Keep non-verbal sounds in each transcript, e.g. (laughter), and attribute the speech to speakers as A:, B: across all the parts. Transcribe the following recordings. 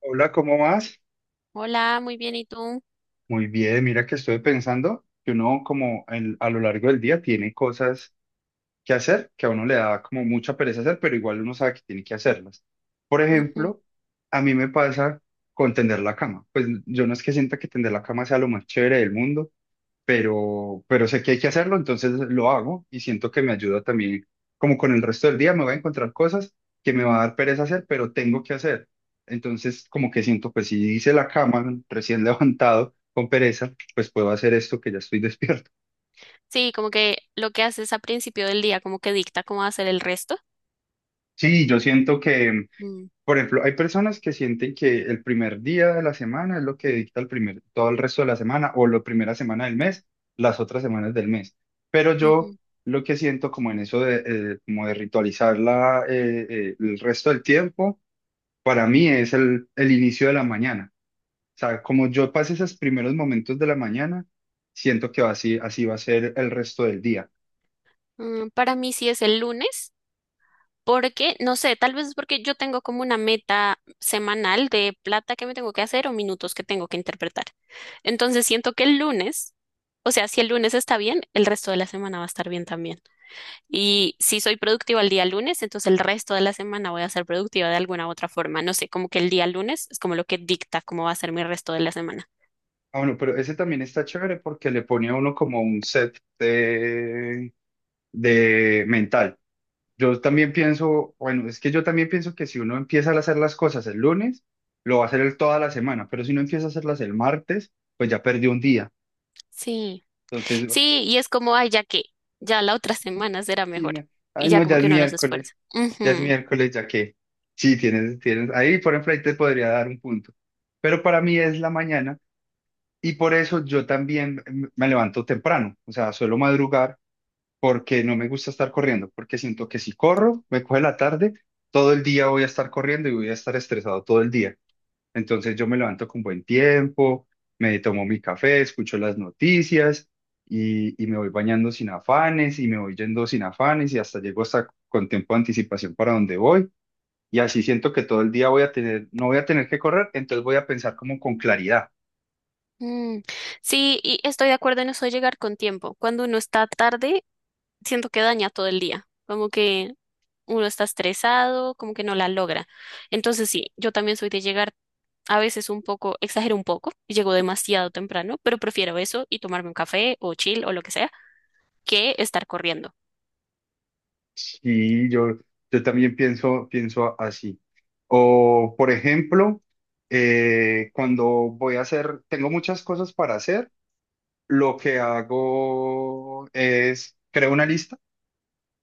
A: Hola, ¿cómo vas?
B: Hola, muy bien, ¿y tú?
A: Muy bien, mira que estoy pensando que uno como a lo largo del día tiene cosas que hacer que a uno le da como mucha pereza hacer, pero igual uno sabe que tiene que hacerlas. Por
B: Ujú.
A: ejemplo, a mí me pasa con tender la cama. Pues yo no es que sienta que tender la cama sea lo más chévere del mundo, pero sé que hay que hacerlo, entonces lo hago y siento que me ayuda también, como con el resto del día me voy a encontrar cosas que me va a dar pereza hacer, pero tengo que hacer. Entonces, como que siento, pues si hice la cama (laughs) recién levantado con pereza, pues puedo hacer esto que ya estoy (laughs) despierto.
B: Sí, como que lo que haces a principio del día, como que dicta cómo va a ser el resto.
A: Sí, yo siento que.
B: Mm,
A: Por ejemplo, hay personas que sienten que el primer día de la semana es lo que dicta todo el resto de la semana o la primera semana del mes, las otras semanas del mes. Pero yo
B: ujú.
A: lo que siento como en eso de, como de ritualizar el resto del tiempo, para mí es el inicio de la mañana. O sea, como yo pase esos primeros momentos de la mañana, siento que va así, así va a ser el resto del día.
B: Mm, para mí sí es el lunes, porque, no sé, tal vez es porque yo tengo como una meta semanal de plata que me tengo que hacer o minutos que tengo que interpretar. Entonces siento que el lunes, o sea, si el lunes está bien, el resto de la semana va a estar bien también. Y si soy productiva el día lunes, entonces el resto de la semana voy a ser productiva de alguna u otra forma. No sé, como que el día lunes es como lo que dicta cómo va a ser mi resto de la semana.
A: Ah, bueno, pero ese también está chévere porque le pone a uno como un set de mental. Yo también pienso, bueno, es que yo también pienso que si uno empieza a hacer las cosas el lunes, lo va a hacer toda la semana, pero si uno empieza a hacerlas el martes, pues ya perdió un día.
B: Sí,
A: Entonces,
B: sí, y es como, ay, ya que, ya la otra (laughs) semana será
A: sí,
B: mejor.
A: no,
B: Y
A: ay,
B: ya
A: no,
B: como
A: ya es
B: que uno no se esfuerza.
A: miércoles, ya es
B: Ujú.
A: miércoles, ya que, sí, tienes, ahí, por ejemplo, ahí te podría dar un punto, pero para mí es la mañana y por eso yo también me levanto temprano, o sea, suelo madrugar porque no me gusta estar corriendo, porque siento que si corro, me coge la tarde, todo el día voy a estar corriendo y voy a estar estresado todo el día. Entonces yo me levanto con buen tiempo, me tomo mi café, escucho las noticias y me voy bañando sin afanes y me voy yendo sin afanes y hasta llego hasta con tiempo de anticipación para donde voy. Y así siento que todo el día voy a tener, no voy a tener que correr, entonces voy a pensar como con claridad.
B: Mm. Sí, y estoy de acuerdo en eso de llegar con tiempo. Cuando uno está tarde, siento que daña todo el día. Como que uno está estresado, como que no la logra. Entonces sí, yo también soy de llegar a veces un poco, exagero un poco, y llego demasiado temprano, pero prefiero eso y tomarme un café o chill o lo que sea, que estar corriendo.
A: Sí, yo también pienso así. O, por ejemplo, cuando tengo muchas cosas para hacer, lo que hago es, creo una lista.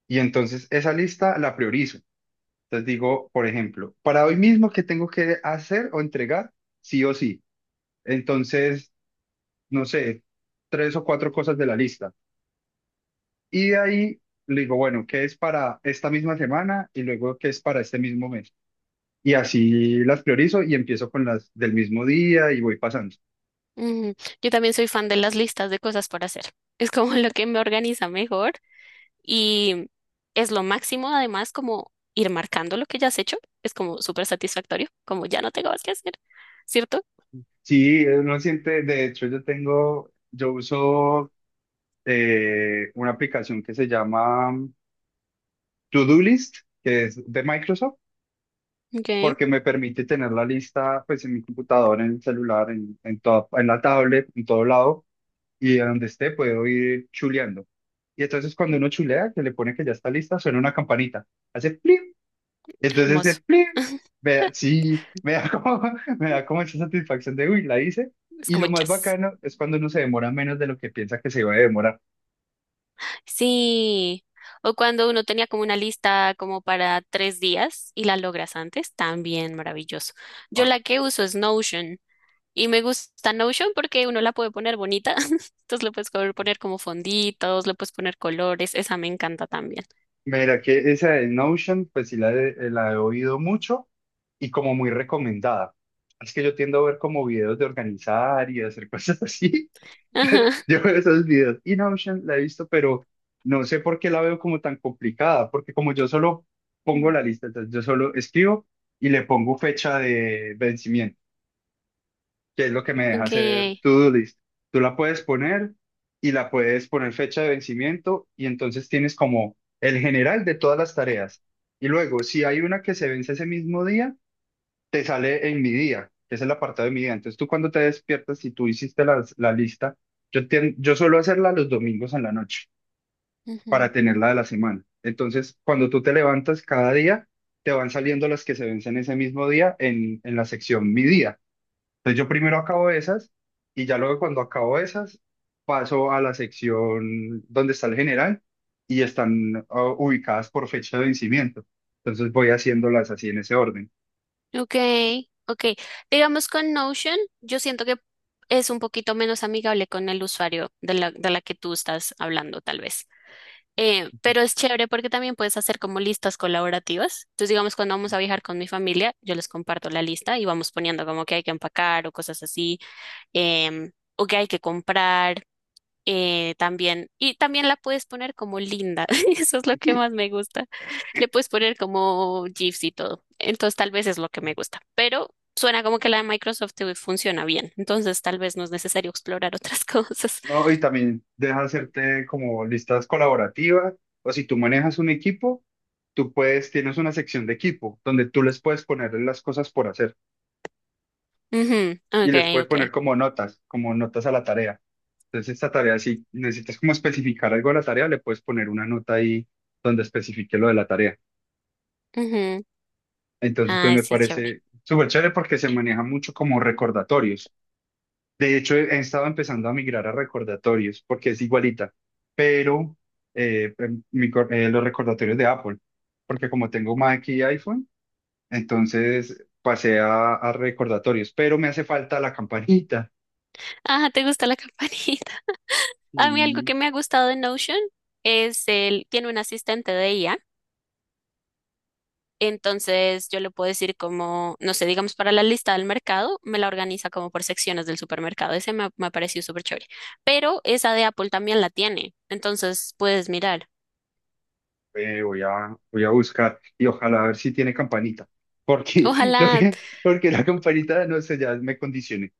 A: Y entonces esa lista la priorizo. Entonces digo, por ejemplo, para hoy mismo, ¿qué tengo que hacer o entregar? Sí o sí. Entonces, no sé, tres o cuatro cosas de la lista. Y de ahí le digo, bueno, ¿qué es para esta misma semana? Y luego, ¿qué es para este mismo mes? Y así las priorizo y empiezo con las del mismo día y voy pasando.
B: Ujú. Yo también soy fan de las listas de cosas por hacer. Es como (laughs) lo que me organiza mejor y es lo máximo, además, como ir marcando lo que ya has hecho. Es como súper satisfactorio, como ya no tengo más que hacer, ¿cierto?
A: Sí, uno siente, de hecho, yo uso una aplicación que se llama To Do List, que es de Microsoft
B: Ok.
A: porque me permite tener la lista pues en mi computador, en el celular, en la tablet, en todo lado, y de donde esté puedo ir chuleando. Y entonces cuando uno chulea, que le pone que ya está lista, suena una campanita, hace plim, entonces ese
B: Hermoso.
A: plim,
B: (laughs)
A: sí, me da como, (laughs) me da como esa satisfacción de, uy, la hice.
B: Es
A: Y
B: como
A: lo más
B: jazz.
A: bacano es cuando uno se demora menos de lo que piensa que se iba a demorar.
B: Sí. O cuando uno tenía como una lista como para tres días y la logras antes, también maravilloso. Yo la que uso es Notion y me gusta Notion porque uno la puede poner bonita. (laughs) Entonces le puedes poner como fonditos, le puedes poner colores. Esa me encanta también.
A: Mira, que esa de Notion, pues sí la he oído mucho y como muy recomendada. Es que yo tiendo a ver como videos de organizar y de hacer cosas así.
B: (laughs) Ajá.
A: (laughs) Yo veo esos videos y Notion la he visto, pero no sé por qué la veo como tan complicada, porque como yo solo pongo
B: Mm,
A: la lista, entonces yo solo escribo y le pongo fecha de vencimiento que es lo que me deja
B: ok.
A: hacer to-do list. Tú la puedes poner y la puedes poner fecha de vencimiento y entonces tienes como el general de todas las tareas. Y luego, si hay una que se vence ese mismo día, te sale en mi día, que es el apartado de mi día. Entonces tú cuando te despiertas, si tú hiciste la lista, yo suelo hacerla los domingos en la noche
B: Ujú.
A: para tenerla de la semana. Entonces, cuando tú te levantas cada día, te van saliendo las que se vencen ese mismo día en la sección mi día. Entonces yo primero acabo esas y ya luego cuando acabo esas paso a la sección donde está el general y están ah, ubicadas por fecha de vencimiento. Entonces voy haciéndolas así en ese orden.
B: Ok, ok. Digamos con Notion, yo siento que es un poquito menos amigable con el usuario de la que tú estás hablando, tal vez. Pero es chévere porque también puedes hacer como listas colaborativas. Entonces, digamos, cuando vamos a viajar con mi familia, yo les comparto la lista y vamos poniendo como que hay que empacar o cosas así, o que hay que comprar también, y también la puedes poner como linda, (laughs) eso es lo que más me gusta. Le puedes poner como GIFs y todo, entonces tal vez es lo que me gusta, pero suena como que la de Microsoft te funciona bien, entonces tal vez no es necesario explorar otras (laughs) cosas.
A: No, y también deja hacerte como listas colaborativas o si tú manejas un equipo, tú puedes, tienes una sección de equipo donde tú les puedes poner las cosas por hacer
B: Ujú,
A: y
B: Ok,
A: les puedes
B: ok.
A: poner como notas a la tarea. Entonces, esta tarea, si necesitas como especificar algo de la tarea, le puedes poner una nota ahí donde especifique lo de la tarea.
B: ujú.
A: Entonces, pues
B: Ah,
A: me
B: sí, chévere.
A: parece súper chévere porque se maneja mucho como recordatorios. De hecho, he estado empezando a migrar a recordatorios porque es igualita, pero los recordatorios de Apple, porque como tengo Mac y iPhone, entonces pasé a, recordatorios, pero me hace falta la campanita.
B: Ah, ¿te gusta la (laughs) campanita? A mí algo que me ha gustado de Notion es el, tiene un asistente de IA. Entonces yo le puedo decir como, no sé, digamos para la lista del mercado, me la organiza como por secciones del supermercado. Me ha parecido súper chévere. Pero esa de Apple también la tiene. Entonces puedes mirar.
A: Voy a buscar y ojalá a ver si tiene campanita. Porque, (laughs) lo
B: Ojalá,
A: que, porque la campanita, no sé, ya me condicioné.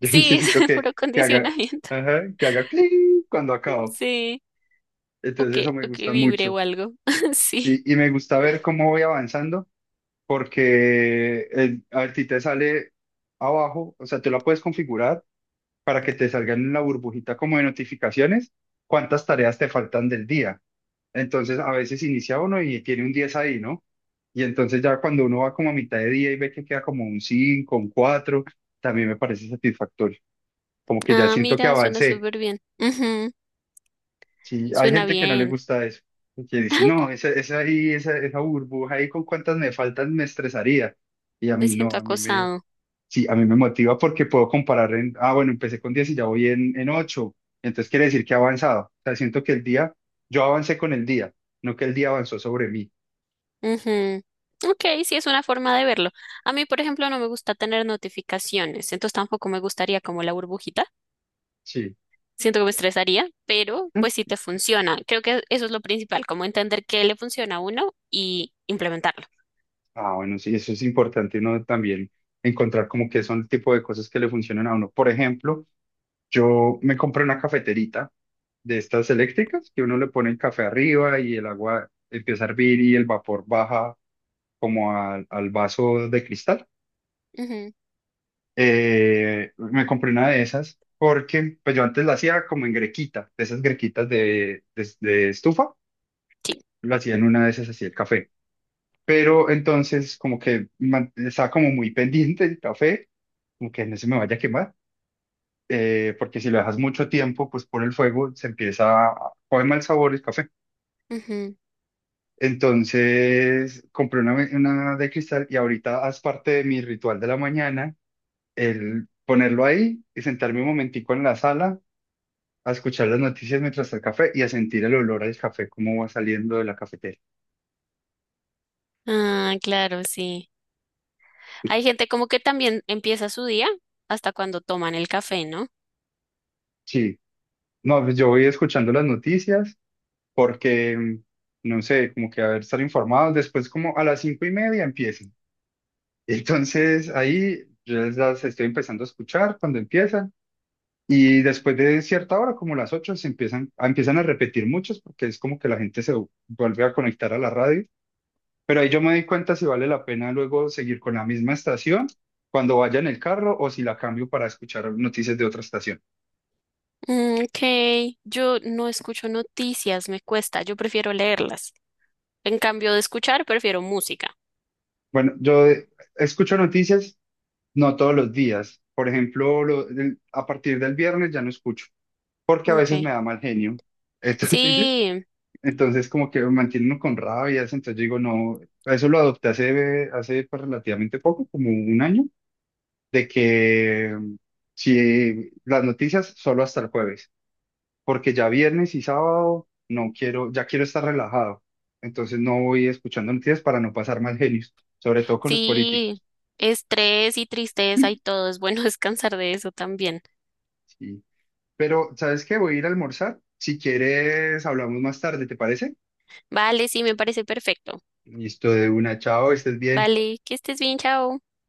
A: Yo (laughs)
B: sí,
A: necesito
B: (laughs) es
A: que,
B: puro
A: que haga,
B: condicionamiento.
A: ajá, que haga cling cuando acabo.
B: Sí,
A: Entonces eso me
B: o que
A: gusta
B: vibre
A: mucho.
B: o algo. (laughs) Sí.
A: Sí, y me gusta ver cómo voy avanzando porque el, a ti te sale abajo, o sea, tú la puedes configurar para que te salgan en la burbujita como de notificaciones cuántas tareas te faltan del día. Entonces, a veces inicia uno y tiene un 10 ahí, ¿no? Y entonces ya cuando uno va como a mitad de día y ve que queda como un 5 un 4, también me parece satisfactorio. Como que ya
B: Ah,
A: siento que
B: mira, suena
A: avancé.
B: súper bien. Ujú,
A: Sí, hay
B: suena
A: gente que no le
B: bien.
A: gusta eso, que dice,
B: (laughs)
A: no, esa ahí, esa burbuja ahí con cuántas me faltan me estresaría. Y a
B: Me
A: mí no,
B: siento acosado.
A: sí, a mí me motiva porque puedo comparar en, ah, bueno, empecé con 10 y ya voy en ocho. Entonces quiere decir que he avanzado. O sea, siento que el día, yo avancé con el día, no que el día avanzó sobre mí.
B: Ujú. Ok, sí es una forma de verlo. A mí, por ejemplo, no me gusta tener notificaciones, entonces tampoco me gustaría como la burbujita.
A: Sí.
B: Siento que me estresaría, pero pues
A: ¿Mm?
B: sí te funciona. Creo que eso es lo principal, como entender qué le funciona a uno y implementarlo.
A: Ah, bueno, sí, eso es importante, ¿no? También encontrar como que son el tipo de cosas que le funcionan a uno. Por ejemplo, yo me compré una cafeterita de estas eléctricas que uno le pone el café arriba y el agua empieza a hervir y el vapor baja como al vaso de cristal.
B: Ujú,
A: Me compré una de esas porque pues yo antes la hacía como en grequita, de esas grequitas de, de estufa,
B: sí.
A: la hacía en una de esas así el café. Pero entonces como que man- estaba como muy (laughs) pendiente el café como que no se me vaya a quemar, porque si lo dejas mucho tiempo, pues por el fuego se empieza a coger mal sabor el café.
B: Ujú.
A: Entonces compré una de cristal y ahorita haz parte de mi ritual de la mañana, el ponerlo ahí y sentarme un momentico en la sala a escuchar las noticias mientras el café y a sentir el olor al café, cómo va saliendo de la cafetera.
B: Ah, claro, sí. Hay gente como que también empieza su día hasta cuando toman el café, ¿no?
A: Sí, no, pues yo voy escuchando las noticias porque, mm, no sé, como que a ver, estar informados. Después como a las 5:30 empieza. Entonces ahí yo las estoy empezando a escuchar cuando empiezan y después de cierta hora, como las 8 se empiezan, a- empiezan a repetir muchos porque es como que la gente se vuelve a conectar a la radio, pero ahí yo me doy cuenta si vale la pena luego seguir con la misma estación cuando vaya en el carro o si la cambio para escuchar noticias de otra estación.
B: Mm, ok, yo no escucho noticias, me cuesta, yo prefiero leerlas. En cambio de escuchar, prefiero música.
A: Bueno, yo escucho noticias no todos los días, por ejemplo, lo- el- a partir del viernes ya no escucho porque a
B: Ok,
A: veces me da mal genio. (laughs) Entonces...
B: sí,
A: Entonces, como que me mantiene uno con rabia, entonces yo digo, no, eso lo adopté hace, pues, relativamente poco, como un año, de que mm, si las noticias solo hasta el jueves, porque ya viernes y sábado no quiero, ya quiero estar relajado, entonces no voy escuchando noticias para no pasar mal genios, sobre todo con los
B: sí,
A: políticos.
B: estrés y tristeza y
A: (laughs)
B: todo, es bueno (laughs) descansar de eso también.
A: Sí. Pero, ¿sabes qué? Voy a ir a almorzar, si quieres hablamos más tarde, ¿te parece?
B: Vale, sí, me parece perfecto.
A: Listo, de una, chao, estés bien.
B: Vale, que estés bien, chao.